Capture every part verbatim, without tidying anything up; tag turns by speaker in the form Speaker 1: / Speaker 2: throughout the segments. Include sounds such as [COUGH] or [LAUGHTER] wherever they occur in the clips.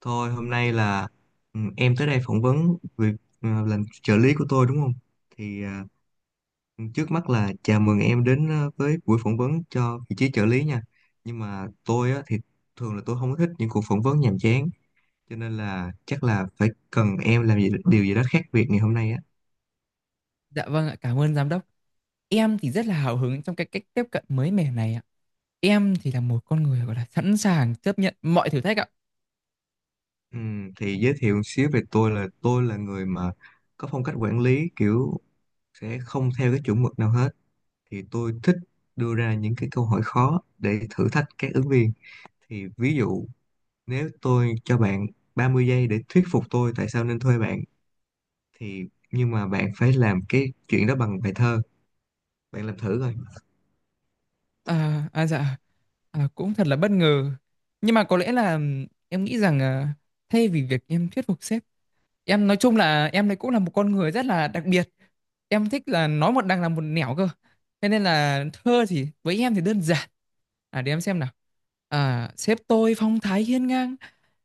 Speaker 1: Thôi hôm nay là ừ, em tới đây phỏng vấn việc ờ, làm trợ lý của tôi đúng không? Thì ờ, trước mắt là chào mừng em đến ờ, với buổi phỏng vấn cho vị trí trợ lý nha. Nhưng mà tôi á, thì thường là tôi không có thích những cuộc phỏng vấn nhàm chán, cho nên là chắc là phải cần em làm gì điều gì đó khác biệt ngày hôm nay á.
Speaker 2: Dạ vâng ạ, cảm ơn giám đốc. Em thì rất là hào hứng trong cái cách tiếp cận mới mẻ này ạ. Em thì là một con người gọi là sẵn sàng chấp nhận mọi thử thách ạ.
Speaker 1: Ừm, thì giới thiệu một xíu về tôi là tôi là người mà có phong cách quản lý kiểu sẽ không theo cái chuẩn mực nào hết. Thì tôi thích đưa ra những cái câu hỏi khó để thử thách các ứng viên. Thì ví dụ, nếu tôi cho bạn ba mươi giây để thuyết phục tôi tại sao nên thuê bạn thì, nhưng mà bạn phải làm cái chuyện đó bằng bài thơ, bạn làm thử coi.
Speaker 2: À, à dạ, à, cũng thật là bất ngờ. Nhưng mà có lẽ là ừm, em nghĩ rằng à, thay vì việc em thuyết phục sếp, em nói chung là em đây cũng là một con người rất là đặc biệt. Em thích là nói một đằng làm một nẻo cơ. Thế nên là thơ thì với em thì đơn giản. À để em xem nào. À, sếp tôi phong thái hiên ngang,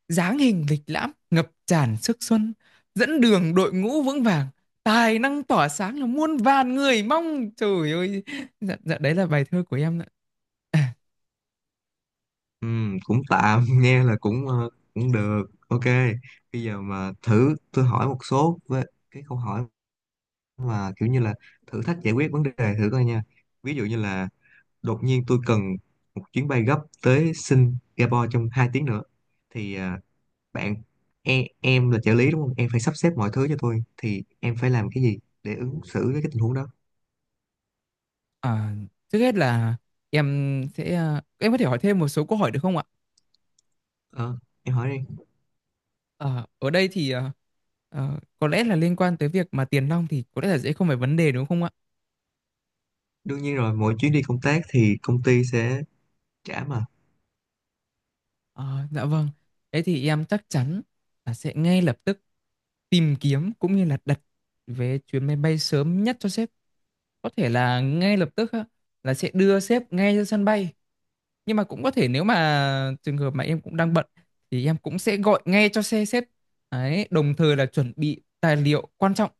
Speaker 2: dáng hình lịch lãm ngập tràn sức xuân, dẫn đường đội ngũ vững vàng, tài năng tỏa sáng là muôn vàn người mong trời ơi. Dạ, dạ đấy là bài thơ của em ạ. À,
Speaker 1: Ừm, cũng tạm [LAUGHS] nghe là cũng ờ, cũng được. OK, bây giờ mà thử tôi hỏi một số với cái câu hỏi mà kiểu như là thử thách giải quyết vấn đề thử coi nha. Ví dụ như là đột nhiên tôi cần một chuyến bay gấp tới Singapore trong hai tiếng nữa, thì à, bạn em, em là trợ lý đúng không, em phải sắp xếp mọi thứ cho tôi, thì em phải làm cái gì để ứng xử với cái tình huống đó?
Speaker 2: à, trước hết là em sẽ à, em có thể hỏi thêm một số câu hỏi được không ạ?
Speaker 1: Ờ, em hỏi đi.
Speaker 2: Ờ, ở đây thì à, ờ, có lẽ là liên quan tới việc mà tiền nong thì có lẽ là dễ không phải vấn đề đúng không ạ?
Speaker 1: Đương nhiên rồi, mỗi chuyến đi công tác thì công ty sẽ trả mà.
Speaker 2: Ờ, dạ vâng, thế thì em chắc chắn là sẽ ngay lập tức tìm kiếm cũng như là đặt vé chuyến máy bay sớm nhất cho sếp, có thể là ngay lập tức á, là sẽ đưa sếp ngay ra sân bay. Nhưng mà cũng có thể nếu mà trường hợp mà em cũng đang bận thì em cũng sẽ gọi ngay cho xe sếp đấy, đồng thời là chuẩn bị tài liệu quan trọng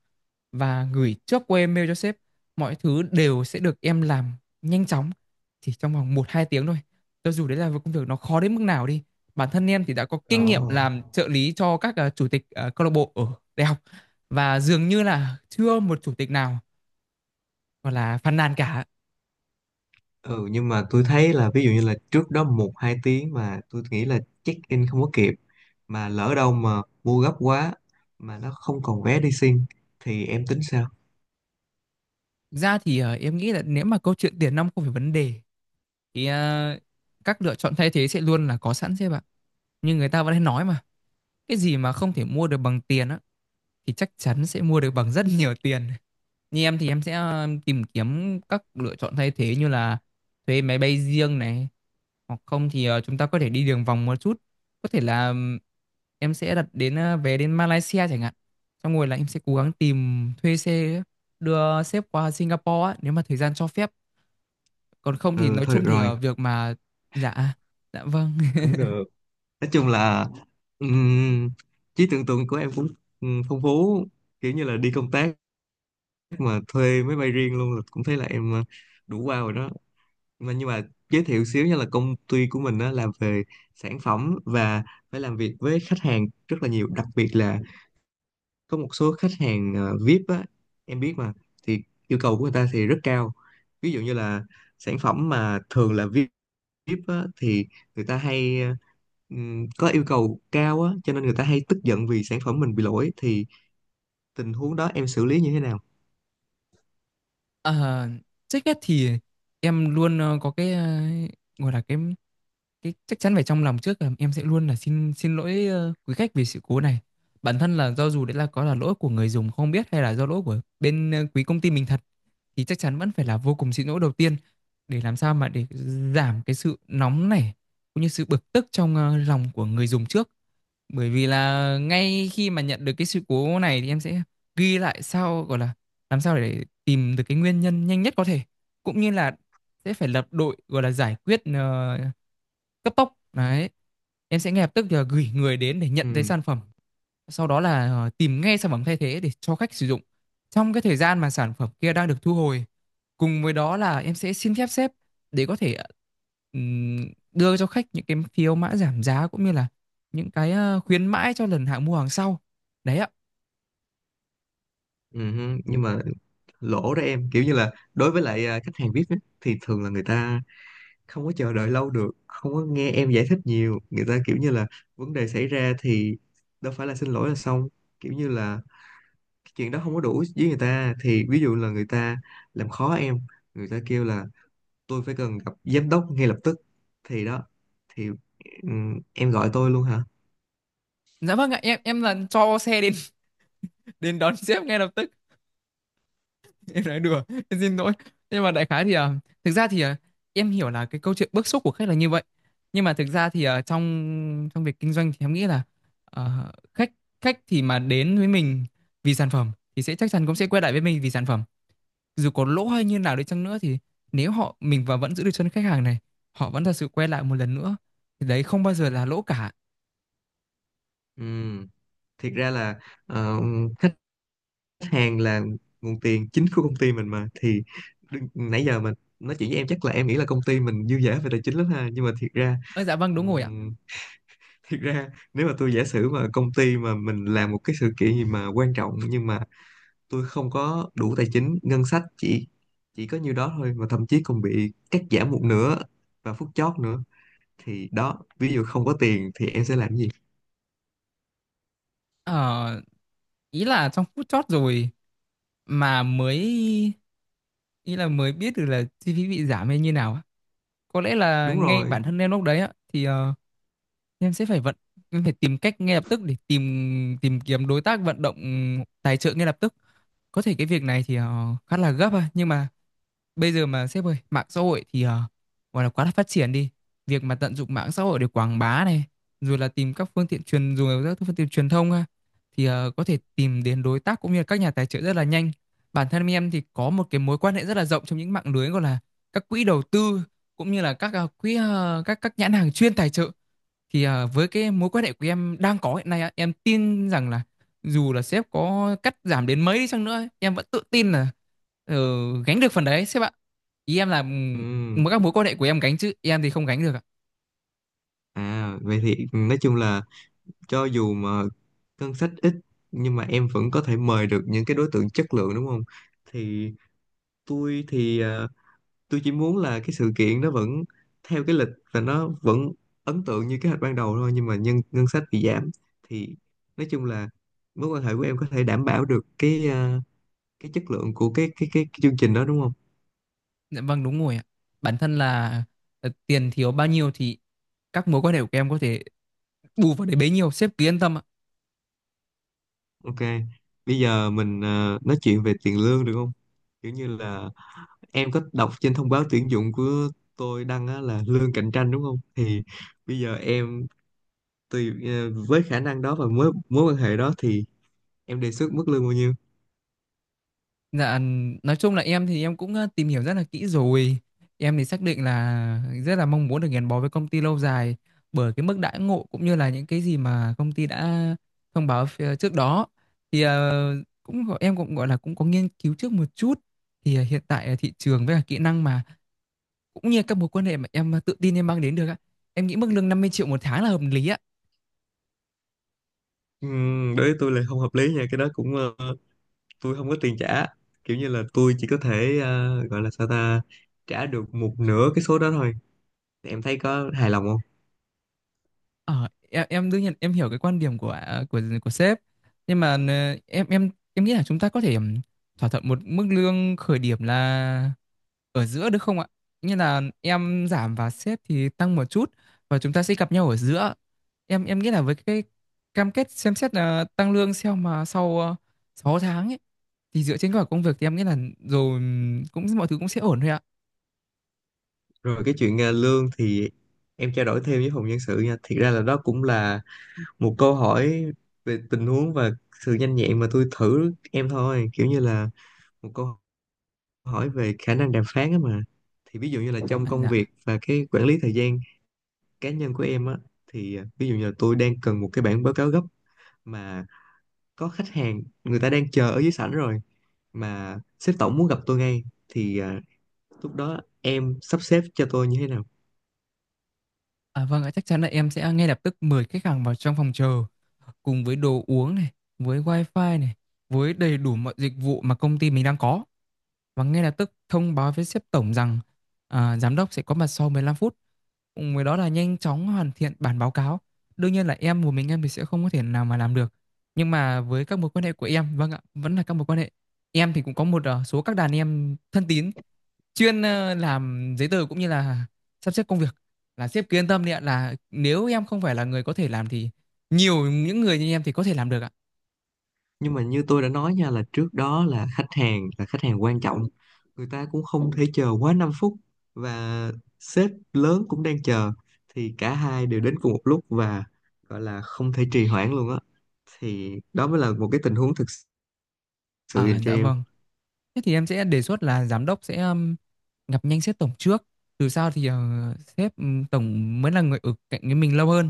Speaker 2: và gửi trước qua email cho sếp. Mọi thứ đều sẽ được em làm nhanh chóng chỉ trong vòng một hai tiếng thôi, cho dù đấy là một công việc nó khó đến mức nào đi. Bản thân em thì đã có kinh nghiệm
Speaker 1: Ồ,
Speaker 2: làm trợ lý cho các ờ, chủ tịch ờ, câu lạc bộ ở đại học, và dường như là chưa một chủ tịch nào gọi là phàn nàn cả.
Speaker 1: ừ, nhưng mà tôi thấy là ví dụ như là trước đó một hai tiếng mà tôi nghĩ là check in không có kịp, mà lỡ đâu mà mua gấp quá mà nó không còn vé đi xin thì em tính sao?
Speaker 2: Ra thì ờ, em nghĩ là nếu mà câu chuyện tiền nong không phải vấn đề thì ờ, các lựa chọn thay thế sẽ luôn là có sẵn chứ bạn. Nhưng người ta vẫn hay nói mà, cái gì mà không thể mua được bằng tiền á thì chắc chắn sẽ mua được bằng rất nhiều tiền. Như em thì em sẽ ờ, tìm kiếm các lựa chọn thay thế như là thuê máy bay riêng này, hoặc không thì ờ, chúng ta có thể đi đường vòng một chút. Có thể là ừm, em sẽ đặt đến ờ, vé đến Malaysia chẳng hạn. Xong rồi là em sẽ cố gắng tìm thuê xe đưa sếp qua Singapore á, nếu mà thời gian cho phép. Còn không thì
Speaker 1: Ừ,
Speaker 2: nói
Speaker 1: thôi được
Speaker 2: chung thì
Speaker 1: rồi,
Speaker 2: ờ, việc mà dạ, dạ vâng. [LAUGHS]
Speaker 1: cũng được. Nói chung là ừm, trí tưởng tượng của em cũng ừm, phong phú, kiểu như là đi công tác mà thuê máy bay riêng luôn, là cũng thấy là em ờ, đủ wow rồi đó. Mà nhưng mà giới thiệu xíu nha, là công ty của mình đó làm về sản phẩm và phải làm việc với khách hàng rất là nhiều, đặc biệt là có một số khách hàng ờ, víp á, em biết mà. Thì yêu cầu của người ta thì rất cao, ví dụ như là sản phẩm mà thường là víp Jeep á, thì người ta hay ờ, ừm, có yêu cầu cao á, cho nên người ta hay tức giận vì sản phẩm mình bị lỗi. Thì tình huống đó em xử lý như thế nào?
Speaker 2: Ờ, trước hết thì em luôn ờ, có cái ờ, gọi là cái cái chắc chắn phải trong lòng trước, là em sẽ luôn là xin, xin lỗi ờ, quý khách vì sự cố này. Bản thân là do dù đấy là có là lỗi của người dùng không biết, hay là do lỗi của bên ờ, quý công ty mình thật, thì chắc chắn vẫn phải là vô cùng xin lỗi đầu tiên, để làm sao mà để giảm cái sự nóng này cũng như sự bực tức trong ờ, lòng của người dùng trước. Bởi vì là ngay khi mà nhận được cái sự cố này thì em sẽ ghi lại, sau gọi là làm sao để tìm được cái nguyên nhân nhanh nhất có thể, cũng như là sẽ phải lập đội gọi là giải quyết ờ, cấp tốc đấy. Em sẽ ngay lập tức là gửi người đến để nhận thấy
Speaker 1: Ừ.
Speaker 2: sản phẩm, sau đó là ờ, tìm ngay sản phẩm thay thế để cho khách sử dụng trong cái thời gian mà sản phẩm kia đang được thu hồi. Cùng với đó là em sẽ xin phép sếp để có thể ừm, đưa cho khách những cái phiếu mã giảm giá, cũng như là những cái ờ, khuyến mãi cho lần hàng mua hàng sau đấy ạ.
Speaker 1: ừm, Nhưng mà lỗ đó em kiểu như là đối với lại à, khách hàng víp á, thì thường là người ta không có chờ đợi lâu được, không có nghe em giải thích nhiều, người ta kiểu như là vấn đề xảy ra thì đâu phải là xin lỗi là xong, kiểu như là cái chuyện đó không có đủ với người ta, thì ví dụ là người ta làm khó em, người ta kêu là tôi phải cần gặp giám đốc ngay lập tức. Thì đó, thì ừm, em gọi tôi luôn hả?
Speaker 2: Dạ vâng ạ, em em là cho xe đến [LAUGHS] đến đón sếp ngay lập tức. Em nói đùa, em xin lỗi. Nhưng mà đại khái thì ờ, thực ra thì ờ, em hiểu là cái câu chuyện bức xúc của khách là như vậy. Nhưng mà thực ra thì ờ, trong trong việc kinh doanh thì em nghĩ là ờ, khách, khách thì mà đến với mình vì sản phẩm thì sẽ chắc chắn cũng sẽ quay lại với mình vì sản phẩm. Dù có lỗ hay như nào đi chăng nữa thì nếu họ mình và vẫn giữ được chân khách hàng này, họ vẫn thật sự quay lại một lần nữa thì đấy không bao giờ là lỗ cả.
Speaker 1: Ừm, Thiệt ra là ờ, khách hàng là nguồn tiền chính của công ty mình mà. Thì đừng- nãy giờ mình nói chuyện với em, chắc là em nghĩ là công ty mình dư dả về tài chính lắm ha, nhưng mà thiệt ra
Speaker 2: Ơ dạ vâng đúng rồi ạ.
Speaker 1: ừm, thiệt ra nếu mà tôi giả sử mà công ty mà mình làm một cái sự kiện gì mà quan trọng, nhưng mà tôi không có đủ tài chính ngân sách, chỉ chỉ có nhiêu đó thôi, mà thậm chí còn bị cắt giảm một nửa và phút chót nữa, thì đó, ví dụ không có tiền thì em sẽ làm gì?
Speaker 2: Ờ, ý là trong phút chót rồi mà mới, ý là mới biết được là chi phí bị giảm hay như nào á. Có lẽ là
Speaker 1: Đúng
Speaker 2: ngay
Speaker 1: rồi.
Speaker 2: bản thân em lúc đấy á thì ờ, em sẽ phải vận, em phải tìm cách ngay lập tức để tìm, tìm kiếm đối tác, vận động tài trợ ngay lập tức. Có thể cái việc này thì ờ, khá là gấp à, nhưng mà bây giờ mà sếp ơi, mạng xã hội thì ờ, gọi là quá là phát triển đi. Việc mà tận dụng mạng xã hội để quảng bá này, rồi là tìm các phương tiện truyền, dùng các phương tiện truyền thông ha, thì ờ, có thể tìm đến đối tác cũng như là các nhà tài trợ rất là nhanh. Bản thân em thì có một cái mối quan hệ rất là rộng trong những mạng lưới gọi là các quỹ đầu tư, cũng như là các ờ, quỹ, ờ, các các nhãn hàng chuyên tài trợ. Thì à, với cái mối quan hệ của em đang có hiện nay á, em tin rằng là dù là sếp có cắt giảm đến mấy đi chăng nữa ấy, em vẫn tự tin là ờ, gánh được phần đấy sếp ạ. Ý em là ừm,
Speaker 1: Ừ.
Speaker 2: mỗi các mối quan hệ của em gánh chứ em thì không gánh được ạ.
Speaker 1: À, vậy thì nói chung là cho dù mà ngân sách ít nhưng mà em vẫn có thể mời được những cái đối tượng chất lượng đúng không? Thì tôi thì à, tôi chỉ muốn là cái sự kiện nó vẫn theo cái lịch và nó vẫn ấn tượng như kế hoạch ban đầu thôi, nhưng mà nhân ngân sách bị giảm. Thì nói chung là mối quan hệ của em có thể đảm bảo được cái à, cái chất lượng của cái cái cái, cái chương trình đó đúng không?
Speaker 2: Dạ vâng đúng rồi ạ, bản thân là ờ, tiền thiếu bao nhiêu thì các mối quan hệ của em có thể bù vào đấy bấy nhiêu, sếp cứ yên tâm ạ.
Speaker 1: OK, bây giờ mình ờ, nói chuyện về tiền lương được không? Kiểu như là em có đọc trên thông báo tuyển dụng của tôi đăng á, là lương cạnh tranh đúng không? Thì bây giờ em tùy ờ, với khả năng đó và mối mối quan hệ đó thì em đề xuất mức lương bao nhiêu?
Speaker 2: Dạ, nói chung là em thì em cũng ờ, tìm hiểu rất là kỹ rồi. Em thì xác định là rất là mong muốn được gắn bó với công ty lâu dài bởi cái mức đãi ngộ cũng như là những cái gì mà công ty đã thông báo phía trước đó. Thì ờ, cũng gọi- em cũng gọi là cũng có nghiên cứu trước một chút. Thì ờ, hiện tại ờ, thị trường với cả kỹ năng mà cũng như các mối quan hệ mà em ờ, tự tin em mang đến được á. Em nghĩ mức lương năm mươi triệu một tháng là hợp lý ạ.
Speaker 1: Ừm, đối với tôi là không hợp lý nha, cái đó cũng ờ, tôi không có tiền trả. Kiểu như là tôi chỉ có thể ờ, gọi là sao ta, trả được một nửa cái số đó thôi. Em thấy có hài lòng không?
Speaker 2: Ờ, em em đương nhiên em hiểu cái quan điểm của à, của của sếp, nhưng mà ờ, em em em nghĩ là chúng ta có thể ừm, thỏa thuận một mức lương khởi điểm là ở giữa được không ạ? Như là em giảm và sếp thì tăng một chút, và chúng ta sẽ gặp nhau ở giữa. Em em nghĩ là với cái cam kết xem xét là tăng lương sau mà sau ờ, sáu tháng ấy, thì dựa trên kết quả công việc thì em nghĩ là rồi ừm, cũng mọi thứ cũng sẽ ổn thôi ạ.
Speaker 1: Rồi cái chuyện à, lương thì em trao đổi thêm với phòng nhân sự nha. Thiệt ra là đó cũng là một câu hỏi về tình huống và sự nhanh nhẹn mà tôi thử em thôi. Kiểu như là một câu hỏi về khả năng đàm phán á mà. Thì ví dụ như là trong
Speaker 2: À,
Speaker 1: công
Speaker 2: dạ.
Speaker 1: việc và cái quản lý thời gian cá nhân của em á, thì à, ví dụ như là tôi đang cần một cái bản báo cáo gấp mà có khách hàng người ta đang chờ ở dưới sảnh rồi, mà sếp tổng muốn gặp tôi ngay, thì à, lúc đó em sắp xếp cho tôi như thế nào?
Speaker 2: À vâng ạ, chắc chắn là em sẽ ngay lập tức mời khách hàng vào trong phòng chờ cùng với đồ uống này, với wifi này, với đầy đủ mọi dịch vụ mà công ty mình đang có, và ngay lập tức thông báo với sếp tổng rằng à, giám đốc sẽ có mặt sau mười lăm phút. Cùng với đó là nhanh chóng hoàn thiện bản báo cáo. Đương nhiên là em một mình em thì sẽ không có thể nào mà làm được. Nhưng mà với các mối quan hệ của em, vâng ạ, vẫn là các mối quan hệ. Em thì cũng có một ờ, số các đàn em thân tín chuyên ờ, làm giấy tờ cũng như là sắp xếp công việc, là sếp cứ yên tâm đi ạ, là nếu em không phải là người có thể làm thì nhiều những người như em thì có thể làm được ạ.
Speaker 1: Nhưng mà như tôi đã nói nha, là trước đó là khách hàng là khách hàng quan trọng, người ta cũng không thể chờ quá năm phút, và sếp lớn cũng đang chờ, thì cả hai đều đến cùng một lúc và gọi là không thể trì hoãn luôn á, thì đó mới là một cái tình huống thực sự
Speaker 2: À
Speaker 1: dành cho
Speaker 2: dạ
Speaker 1: em.
Speaker 2: vâng, thế thì em sẽ đề xuất là giám đốc sẽ ừm, gặp nhanh sếp tổng trước, từ sau thì ờ, sếp ừm, tổng mới là người ở cạnh với mình lâu hơn.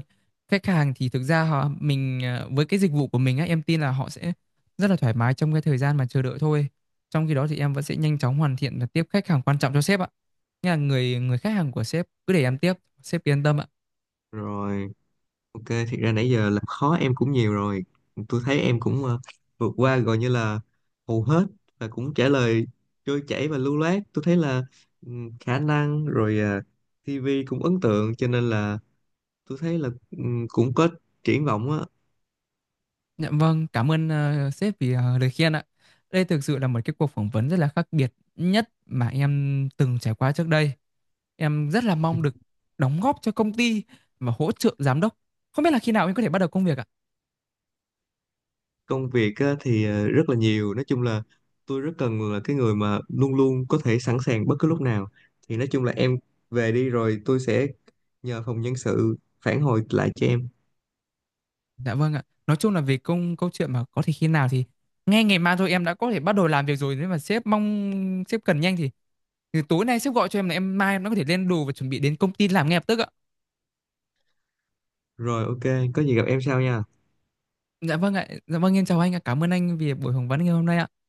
Speaker 2: Khách hàng thì thực ra họ mình ờ, với cái dịch vụ của mình á, em tin là họ sẽ rất là thoải mái trong cái thời gian mà chờ đợi thôi. Trong khi đó thì em vẫn sẽ nhanh chóng hoàn thiện và tiếp khách hàng quan trọng cho sếp ạ. Nhà người, người khách hàng của sếp cứ để em tiếp, sếp yên tâm ạ.
Speaker 1: Rồi. OK, thiệt ra nãy giờ làm khó em cũng nhiều rồi. Tôi thấy em cũng ờ, vượt qua gọi như là hầu hết, và cũng trả lời trôi chảy và lưu loát. Tôi thấy là ừm, khả năng rồi ờ, ti vi cũng ấn tượng, cho nên là tôi thấy là ừm, cũng có triển vọng á.
Speaker 2: Dạ vâng, cảm ơn ờ, sếp vì ờ, lời khen ạ. Đây thực sự là một cái cuộc phỏng vấn rất là khác biệt nhất mà em từng trải qua trước đây. Em rất là mong được đóng góp cho công ty và hỗ trợ giám đốc. Không biết là khi nào em có thể bắt đầu công việc ạ?
Speaker 1: Công việc á, thì ờ, rất là nhiều. Nói chung là tôi rất cần là cái người mà luôn luôn có thể sẵn sàng bất cứ lúc nào. Thì nói chung là em về đi rồi tôi sẽ nhờ phòng nhân sự phản hồi lại cho em.
Speaker 2: Dạ vâng ạ. Nói chung là về công, câu chuyện mà có thể khi nào thì ngay ngày mai thôi em đã có thể bắt đầu làm việc rồi, nếu mà sếp mong sếp cần nhanh thì thì tối nay sếp gọi cho em là em mai em đã có thể lên đồ và chuẩn bị đến công ty làm ngay lập tức ạ.
Speaker 1: Rồi OK, có gì gặp em sau nha.
Speaker 2: Dạ vâng ạ. Dạ vâng, em chào anh ạ. Cảm ơn anh vì buổi phỏng vấn ngày hôm nay ạ.